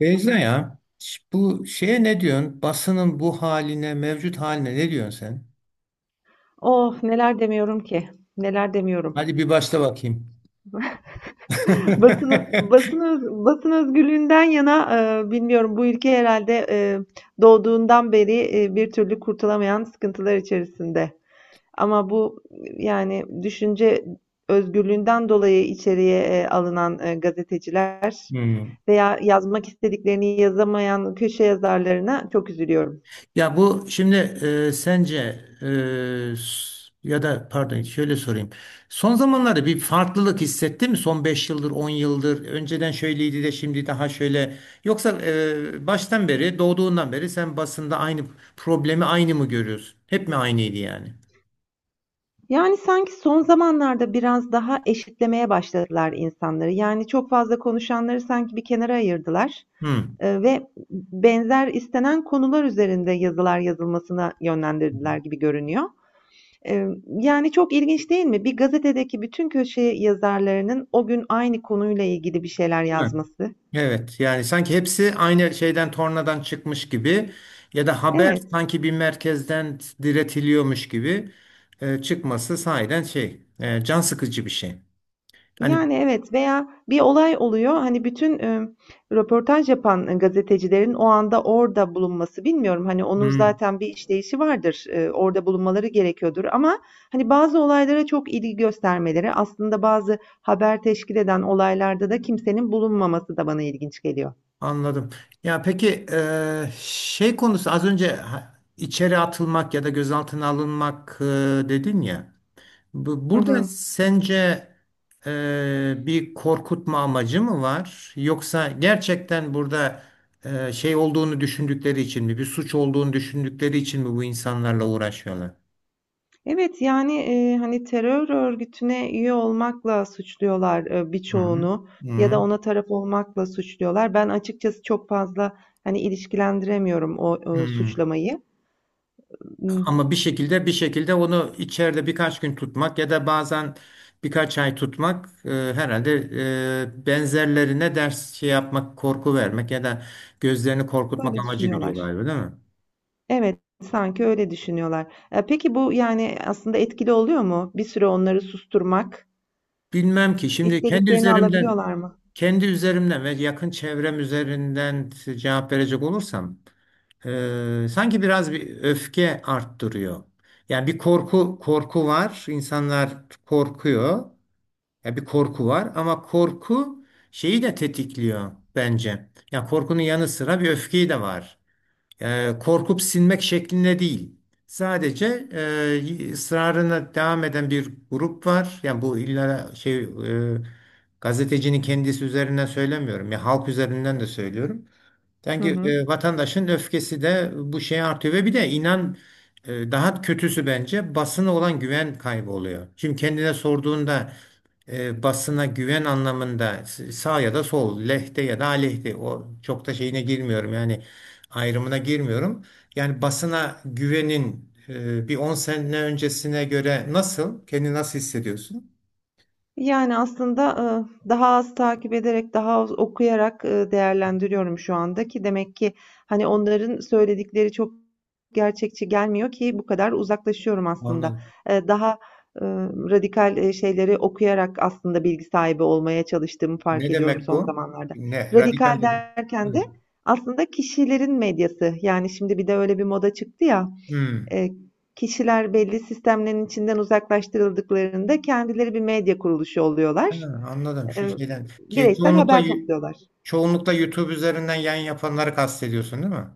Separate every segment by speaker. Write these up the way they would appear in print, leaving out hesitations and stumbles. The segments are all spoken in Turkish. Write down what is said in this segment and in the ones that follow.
Speaker 1: Beyza ya bu şeye ne diyorsun? Basının bu haline, mevcut haline ne diyorsun sen?
Speaker 2: Oh neler demiyorum ki. Neler demiyorum.
Speaker 1: Hadi bir başla bakayım.
Speaker 2: Basın, basın özgürlüğünden yana bilmiyorum bu ülke herhalde doğduğundan beri bir türlü kurtulamayan sıkıntılar içerisinde. Ama bu yani düşünce özgürlüğünden dolayı içeriye alınan gazeteciler
Speaker 1: Hmm.
Speaker 2: veya yazmak istediklerini yazamayan köşe yazarlarına çok üzülüyorum.
Speaker 1: Ya bu şimdi, sence, e, s- ya da pardon, şöyle sorayım. Son zamanlarda bir farklılık hissetti mi? Son 5 yıldır, 10 yıldır. Önceden şöyleydi de şimdi daha şöyle. Yoksa baştan beri, doğduğundan beri sen basında aynı problemi aynı mı görüyorsun? Hep mi aynıydı yani?
Speaker 2: Yani sanki son zamanlarda biraz daha eşitlemeye başladılar insanları. Yani çok fazla konuşanları sanki bir kenara ayırdılar
Speaker 1: Hmm.
Speaker 2: ve benzer istenen konular üzerinde yazılar yazılmasına yönlendirdiler gibi görünüyor. Yani çok ilginç değil mi? Bir gazetedeki bütün köşe yazarlarının o gün aynı konuyla ilgili bir şeyler yazması.
Speaker 1: Evet, yani sanki hepsi aynı şeyden tornadan çıkmış gibi ya da haber
Speaker 2: Evet.
Speaker 1: sanki bir merkezden diretiliyormuş gibi çıkması sahiden şey, can sıkıcı bir şey. Hani.
Speaker 2: Yani, evet veya bir olay oluyor, hani, röportaj yapan gazetecilerin o anda orada bulunması, bilmiyorum, hani, onun
Speaker 1: Hmm.
Speaker 2: zaten bir işleyişi vardır, orada bulunmaları gerekiyordur ama, hani, bazı olaylara çok ilgi göstermeleri, aslında bazı haber teşkil eden olaylarda da kimsenin bulunmaması da bana ilginç geliyor.
Speaker 1: Anladım. Ya peki, şey konusu, az önce içeri atılmak ya da gözaltına alınmak, dedin ya.
Speaker 2: Hı
Speaker 1: Burada
Speaker 2: hı.
Speaker 1: sence bir korkutma amacı mı var? Yoksa gerçekten burada şey olduğunu düşündükleri için mi, bir suç olduğunu düşündükleri için mi bu insanlarla uğraşıyorlar?
Speaker 2: Evet, yani, hani, terör örgütüne üye olmakla suçluyorlar,
Speaker 1: Hı hı.
Speaker 2: birçoğunu ya da ona taraf olmakla suçluyorlar. Ben açıkçası çok fazla, hani, ilişkilendiremiyorum o,
Speaker 1: Hı hı.
Speaker 2: suçlamayı. Imm,
Speaker 1: Ama bir şekilde onu içeride birkaç gün tutmak ya da bazen birkaç ay tutmak, herhalde benzerlerine ders şey yapmak, korku vermek ya da gözlerini korkutmak
Speaker 2: böyle
Speaker 1: amacı gidiyor
Speaker 2: düşünüyorlar.
Speaker 1: galiba, değil mi?
Speaker 2: Evet, sanki öyle düşünüyorlar. Peki bu, yani, aslında etkili oluyor mu? Bir süre onları susturmak,
Speaker 1: Bilmem ki, şimdi kendi
Speaker 2: istediklerini
Speaker 1: üzerimden
Speaker 2: alabiliyorlar mı?
Speaker 1: kendi üzerimden ve yakın çevrem üzerinden cevap verecek olursam, sanki biraz bir öfke arttırıyor. Yani bir korku var. İnsanlar korkuyor. Ya bir korku var ama korku şeyi de tetikliyor bence. Ya korkunun yanı sıra bir öfkeyi de var, korkup sinmek şeklinde değil. Sadece ısrarına devam eden bir grup var. Yani bu illa şey, gazetecinin kendisi üzerinden söylemiyorum. Ya halk üzerinden de söylüyorum.
Speaker 2: Hı
Speaker 1: Sanki
Speaker 2: hı.
Speaker 1: vatandaşın öfkesi de bu şeye artıyor ve bir de inan, daha kötüsü bence basına olan güven kaybı oluyor. Şimdi kendine sorduğunda, basına güven anlamında sağ ya da sol, lehte ya da aleyhte, o çok da şeyine girmiyorum yani ayrımına girmiyorum. Yani basına güvenin, bir 10 sene öncesine göre nasıl, kendini nasıl hissediyorsun?
Speaker 2: Yani aslında, daha az takip ederek, daha az okuyarak, değerlendiriyorum şu anda ki demek ki, hani, onların söyledikleri çok gerçekçi gelmiyor ki bu kadar uzaklaşıyorum aslında.
Speaker 1: Anladım.
Speaker 2: Eee, daha, radikal, şeyleri okuyarak aslında bilgi sahibi olmaya çalıştığımı fark
Speaker 1: Ne
Speaker 2: ediyorum
Speaker 1: demek
Speaker 2: son
Speaker 1: bu?
Speaker 2: zamanlarda.
Speaker 1: Ne? Radikal
Speaker 2: Radikal
Speaker 1: dedim.
Speaker 2: derken de
Speaker 1: Evet.
Speaker 2: aslında kişilerin medyası, yani, şimdi bir de öyle bir moda çıktı ya,
Speaker 1: Hmm.
Speaker 2: e, kişiler belli sistemlerin içinden uzaklaştırıldıklarında kendileri bir medya kuruluşu
Speaker 1: Ha,
Speaker 2: oluyorlar.
Speaker 1: anladım şu
Speaker 2: E,
Speaker 1: şeyden.
Speaker 2: bireysel
Speaker 1: Çoğunlukla
Speaker 2: haber topluyorlar.
Speaker 1: çoğunlukla YouTube üzerinden yayın yapanları kastediyorsun, değil mi?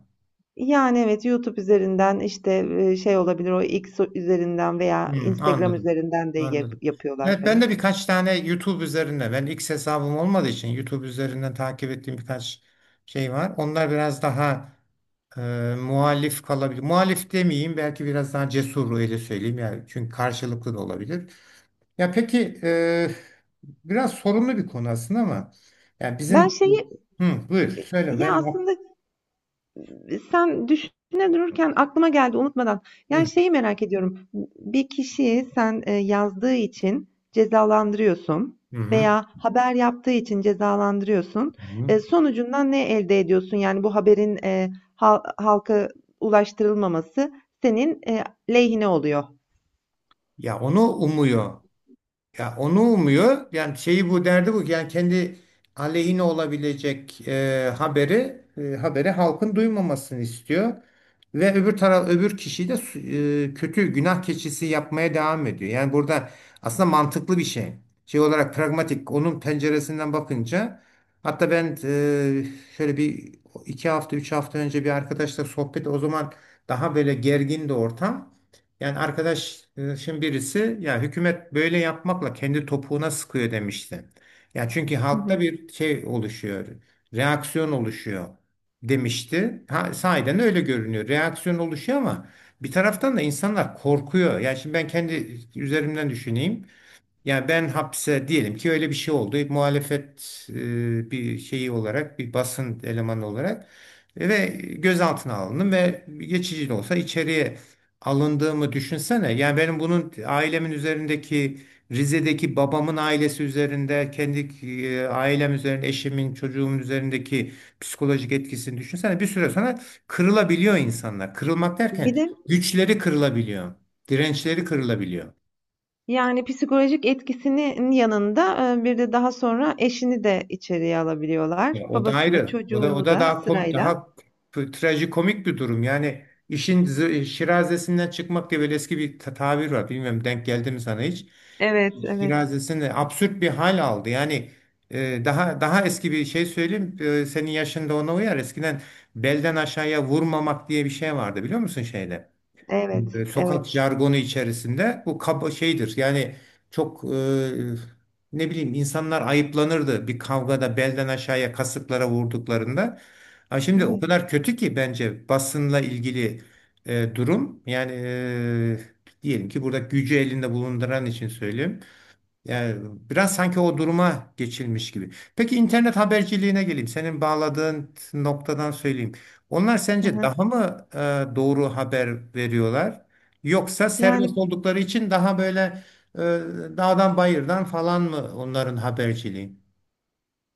Speaker 2: Yani evet YouTube üzerinden işte şey olabilir o X üzerinden veya
Speaker 1: Hmm,
Speaker 2: Instagram
Speaker 1: anladım.
Speaker 2: üzerinden de
Speaker 1: Anladım.
Speaker 2: yapıyorlar
Speaker 1: Evet, ben
Speaker 2: hani.
Speaker 1: de birkaç tane YouTube üzerinden, ben X hesabım olmadığı için YouTube üzerinden takip ettiğim birkaç şey var. Onlar biraz daha e, muhalif kalabilir. Muhalif demeyeyim, belki biraz daha cesur, öyle söyleyeyim yani, çünkü karşılıklı da olabilir. Ya peki, biraz sorunlu bir konu aslında ama yani
Speaker 2: Ben
Speaker 1: bizim.
Speaker 2: şeyi
Speaker 1: Hı, buyur söyle,
Speaker 2: ya
Speaker 1: ben.
Speaker 2: aslında sen düşüne dururken aklıma geldi unutmadan. Yani
Speaker 1: Hı
Speaker 2: şeyi merak ediyorum. Bir kişiyi sen yazdığı için cezalandırıyorsun
Speaker 1: hı. Hı.
Speaker 2: veya haber yaptığı için cezalandırıyorsun.
Speaker 1: Hı.
Speaker 2: Sonucundan ne elde ediyorsun? Yani bu haberin halka ulaştırılmaması senin lehine oluyor.
Speaker 1: Ya onu umuyor. Ya onu umuyor. Yani şeyi, bu derdi bu. Ki yani kendi aleyhine olabilecek haberi halkın duymamasını istiyor. Ve öbür taraf öbür kişiyi de kötü günah keçisi yapmaya devam ediyor. Yani burada aslında mantıklı bir şey. Şey olarak pragmatik, onun penceresinden bakınca, hatta ben, şöyle bir 2 hafta 3 hafta önce bir arkadaşla sohbet, o zaman daha böyle gergin de ortam. Yani arkadaşın birisi, ya hükümet böyle yapmakla kendi topuğuna sıkıyor, demişti. Ya çünkü
Speaker 2: Hı
Speaker 1: halkta
Speaker 2: hı.
Speaker 1: bir şey oluşuyor, reaksiyon oluşuyor, demişti. Ha, sahiden öyle görünüyor. Reaksiyon oluşuyor ama bir taraftan da insanlar korkuyor. Yani şimdi ben kendi üzerimden düşüneyim. Yani ben hapse, diyelim ki öyle bir şey oldu. Muhalefet bir şeyi olarak, bir basın elemanı olarak, ve gözaltına alındım ve geçici de olsa içeriye alındığımı düşünsene. Yani benim bunun ailemin üzerindeki, Rize'deki babamın ailesi üzerinde, kendi ailem üzerinde, eşimin, çocuğumun üzerindeki psikolojik etkisini düşünsene. Bir süre sonra kırılabiliyor insanlar. Kırılmak
Speaker 2: Bir
Speaker 1: derken
Speaker 2: de
Speaker 1: güçleri kırılabiliyor. Dirençleri kırılabiliyor.
Speaker 2: yani psikolojik etkisinin yanında, bir de daha sonra eşini de içeriye alabiliyorlar.
Speaker 1: O da
Speaker 2: Babasını,
Speaker 1: ayrı. O da o
Speaker 2: çocuğunu
Speaker 1: da
Speaker 2: da
Speaker 1: daha komik,
Speaker 2: sırayla.
Speaker 1: daha trajikomik bir durum. Yani işin şirazesinden çıkmak diye böyle eski bir tabir var. Bilmiyorum, denk geldi mi sana hiç?
Speaker 2: Evet, evet,
Speaker 1: Şirazesinde absürt bir hal aldı. Yani daha eski bir şey söyleyeyim. Senin yaşında ona uyar. Eskiden belden aşağıya vurmamak diye bir şey vardı, biliyor musun şeyde?
Speaker 2: evet,
Speaker 1: Sokak
Speaker 2: evet,
Speaker 1: jargonu içerisinde bu kaba şeydir. Yani çok, ne bileyim, insanlar ayıplanırdı bir kavgada belden aşağıya kasıklara vurduklarında. Ha şimdi o
Speaker 2: evet.
Speaker 1: kadar kötü ki bence basınla ilgili durum. Yani, diyelim ki burada gücü elinde bulunduran için söyleyeyim. Yani biraz sanki o duruma geçilmiş gibi. Peki internet haberciliğine geleyim. Senin bağladığın noktadan söyleyeyim. Onlar
Speaker 2: Hı
Speaker 1: sence
Speaker 2: hı.
Speaker 1: daha mı doğru haber veriyorlar? Yoksa serbest
Speaker 2: Yani
Speaker 1: oldukları için daha böyle, e, dağdan bayırdan falan mı onların haberciliği?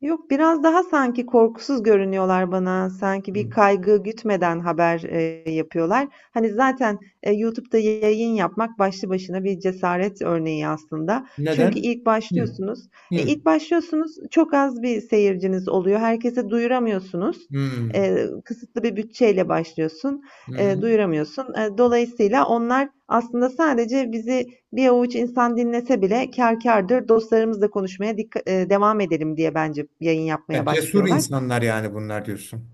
Speaker 2: Yok, biraz daha sanki korkusuz görünüyorlar bana. Sanki bir
Speaker 1: Hı.
Speaker 2: kaygı gütmeden haber yapıyorlar. Hani zaten YouTube'da yayın yapmak başlı başına bir cesaret örneği aslında. Çünkü
Speaker 1: Neden?
Speaker 2: ilk
Speaker 1: Hı.
Speaker 2: başlıyorsunuz.
Speaker 1: Hı.
Speaker 2: İlk başlıyorsunuz çok az bir seyirciniz oluyor. Herkese duyuramıyorsunuz.
Speaker 1: Hı.
Speaker 2: Kısıtlı bir bütçeyle başlıyorsun.
Speaker 1: Hı.
Speaker 2: Duyuramıyorsun. Dolayısıyla onlar aslında sadece bizi bir avuç insan dinlese bile kâr kârdır, dostlarımızla konuşmaya devam edelim diye bence yayın
Speaker 1: Ya
Speaker 2: yapmaya
Speaker 1: cesur
Speaker 2: başlıyorlar.
Speaker 1: insanlar, yani bunlar diyorsun.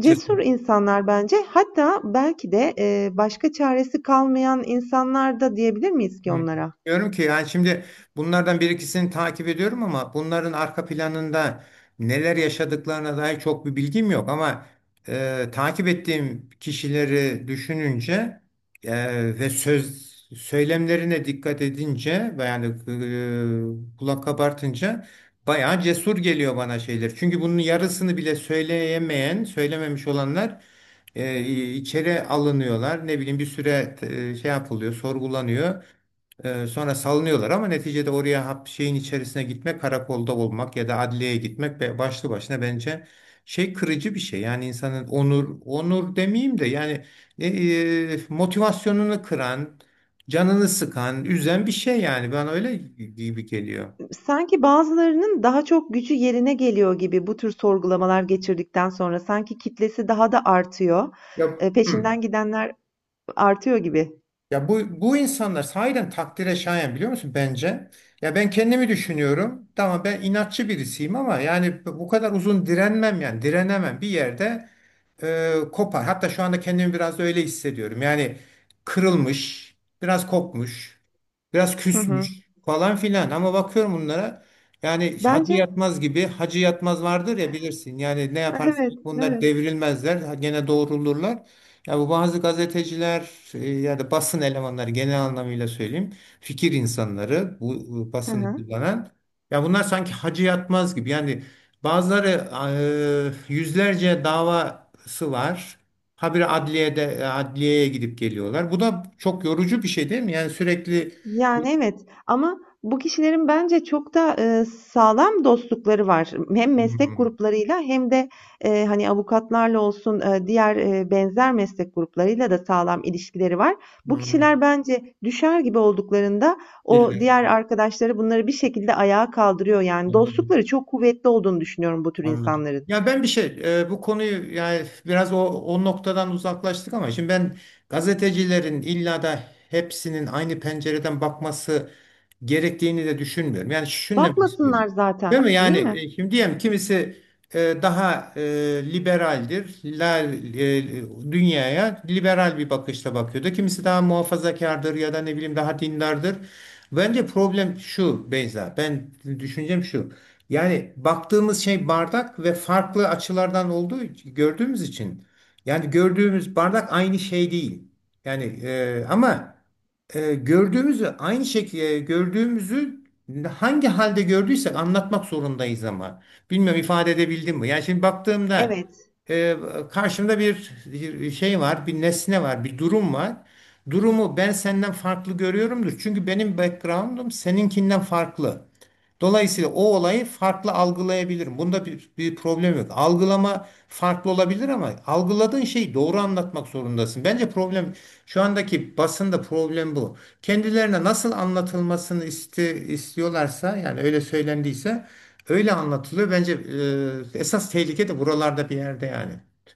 Speaker 2: Cesur
Speaker 1: Cesur.
Speaker 2: insanlar bence. Hatta belki de başka çaresi kalmayan insanlar da diyebilir miyiz ki
Speaker 1: Hı.
Speaker 2: onlara?
Speaker 1: Diyorum ki yani şimdi, bunlardan bir ikisini takip ediyorum ama bunların arka planında neler yaşadıklarına dair çok bir bilgim yok ama, takip ettiğim kişileri düşününce ve söz söylemlerine dikkat edince ve yani kulak kabartınca, bayağı cesur geliyor bana şeyler. Çünkü bunun yarısını bile söyleyemeyen, söylememiş olanlar e, içeri alınıyorlar. Ne bileyim, bir süre şey yapılıyor, sorgulanıyor. Sonra salınıyorlar ama neticede oraya hap şeyin içerisine gitmek, karakolda olmak ya da adliyeye gitmek, başlı başına bence şey kırıcı bir şey. Yani insanın onur, onur demeyeyim de yani, e, motivasyonunu kıran, canını sıkan, üzen bir şey yani. Ben öyle gibi geliyor.
Speaker 2: Sanki bazılarının daha çok gücü yerine geliyor gibi bu tür sorgulamalar geçirdikten sonra sanki kitlesi daha da artıyor.
Speaker 1: Ya, hı.
Speaker 2: Peşinden gidenler artıyor gibi.
Speaker 1: Ya bu insanlar sahiden takdire şayan, biliyor musun, bence? Ya ben kendimi düşünüyorum. Tamam, ben inatçı birisiyim ama yani bu kadar uzun direnmem, yani direnemem, bir yerde kopar. Hatta şu anda kendimi biraz da öyle hissediyorum. Yani kırılmış, biraz kopmuş, biraz
Speaker 2: Hı hı.
Speaker 1: küsmüş falan filan. Ama bakıyorum bunlara, yani Hacı
Speaker 2: Bence
Speaker 1: Yatmaz gibi, Hacı Yatmaz vardır ya, bilirsin. Yani ne yaparsan yap
Speaker 2: evet,
Speaker 1: bunlar
Speaker 2: evet.
Speaker 1: devrilmezler. Gene doğrulurlar. Ya bu bazı gazeteciler, ya da basın elemanları, genel anlamıyla söyleyeyim. Fikir insanları, bu
Speaker 2: Hı
Speaker 1: basını
Speaker 2: hı.
Speaker 1: kullanan. Ya bunlar sanki Hacı Yatmaz gibi yani. Bazıları yüzlerce davası var. Habire adliyede, adliyeye gidip geliyorlar. Bu da çok yorucu bir şey değil mi? Yani sürekli.
Speaker 2: Yani, evet ama bu kişilerin bence çok da, sağlam dostlukları var. Hem meslek
Speaker 1: Hmm.
Speaker 2: gruplarıyla hem de, hani, avukatlarla olsun, diğer, benzer meslek gruplarıyla da sağlam ilişkileri var. Bu
Speaker 1: Hmm.
Speaker 2: kişiler bence düşer gibi olduklarında o diğer arkadaşları bunları bir şekilde ayağa kaldırıyor. Yani
Speaker 1: Bilmiyorum.
Speaker 2: dostlukları çok kuvvetli olduğunu düşünüyorum bu tür
Speaker 1: Anladım.
Speaker 2: insanların.
Speaker 1: Ya ben bir şey, bu konuyu, yani biraz o noktadan uzaklaştık ama şimdi ben gazetecilerin illa da hepsinin aynı pencereden bakması gerektiğini de düşünmüyorum. Yani şunu demek istiyorum.
Speaker 2: Bakmasınlar
Speaker 1: Değil
Speaker 2: zaten,
Speaker 1: mi? Yani,
Speaker 2: değil mi?
Speaker 1: şimdi diyelim kimisi daha liberaldir. Dünyaya liberal bir bakışla bakıyordu. Kimisi daha muhafazakardır ya da ne bileyim daha dindardır. Bence problem şu, Beyza. Ben düşüncem şu. Yani baktığımız şey bardak ve farklı açılardan olduğu, gördüğümüz için yani gördüğümüz bardak aynı şey değil. Yani, ama, gördüğümüzü aynı şekilde gördüğümüzü hangi halde gördüysek anlatmak zorundayız ama. Bilmiyorum, ifade edebildim mi? Yani şimdi baktığımda,
Speaker 2: Evet.
Speaker 1: e, karşımda bir şey var, bir nesne var, bir durum var. Durumu ben senden farklı görüyorumdur. Çünkü benim background'um seninkinden farklı. Dolayısıyla o olayı farklı algılayabilirim. Bunda bir problem yok. Algılama farklı olabilir ama algıladığın şeyi doğru anlatmak zorundasın. Bence problem, şu andaki basında problem bu. Kendilerine nasıl anlatılmasını istiyorlarsa yani öyle söylendiyse öyle anlatılıyor. Bence esas tehlike de buralarda bir yerde yani.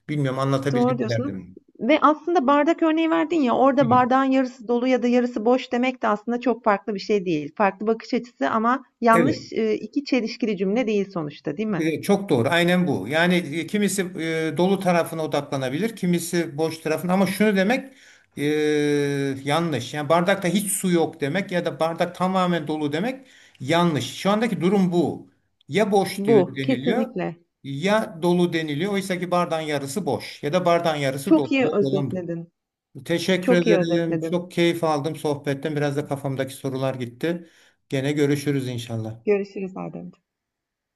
Speaker 1: Bilmiyorum, anlatabildim
Speaker 2: Doğru
Speaker 1: mi
Speaker 2: diyorsun
Speaker 1: derdim.
Speaker 2: ve aslında bardak örneği verdin ya,
Speaker 1: Hı.
Speaker 2: orada bardağın yarısı dolu ya da yarısı boş demek de aslında çok farklı bir şey değil. Farklı bakış açısı ama
Speaker 1: Evet.
Speaker 2: yanlış, 2 çelişkili cümle değil sonuçta, değil mi?
Speaker 1: Çok doğru. Aynen bu. Yani, kimisi dolu tarafına odaklanabilir, kimisi boş tarafına. Ama şunu demek e, yanlış. Yani bardakta hiç su yok demek ya da bardak tamamen dolu demek yanlış. Şu andaki durum bu. Ya boş
Speaker 2: Bu
Speaker 1: deniliyor,
Speaker 2: kesinlikle.
Speaker 1: ya dolu deniliyor. Oysa ki bardağın yarısı boş ya da bardağın yarısı
Speaker 2: Çok
Speaker 1: dolu.
Speaker 2: iyi
Speaker 1: Doğru olan bu.
Speaker 2: özetledin.
Speaker 1: Teşekkür
Speaker 2: Çok iyi
Speaker 1: ederim.
Speaker 2: özetledin.
Speaker 1: Çok keyif aldım sohbetten. Biraz da kafamdaki sorular gitti. Gene görüşürüz inşallah.
Speaker 2: Görüşürüz Adem.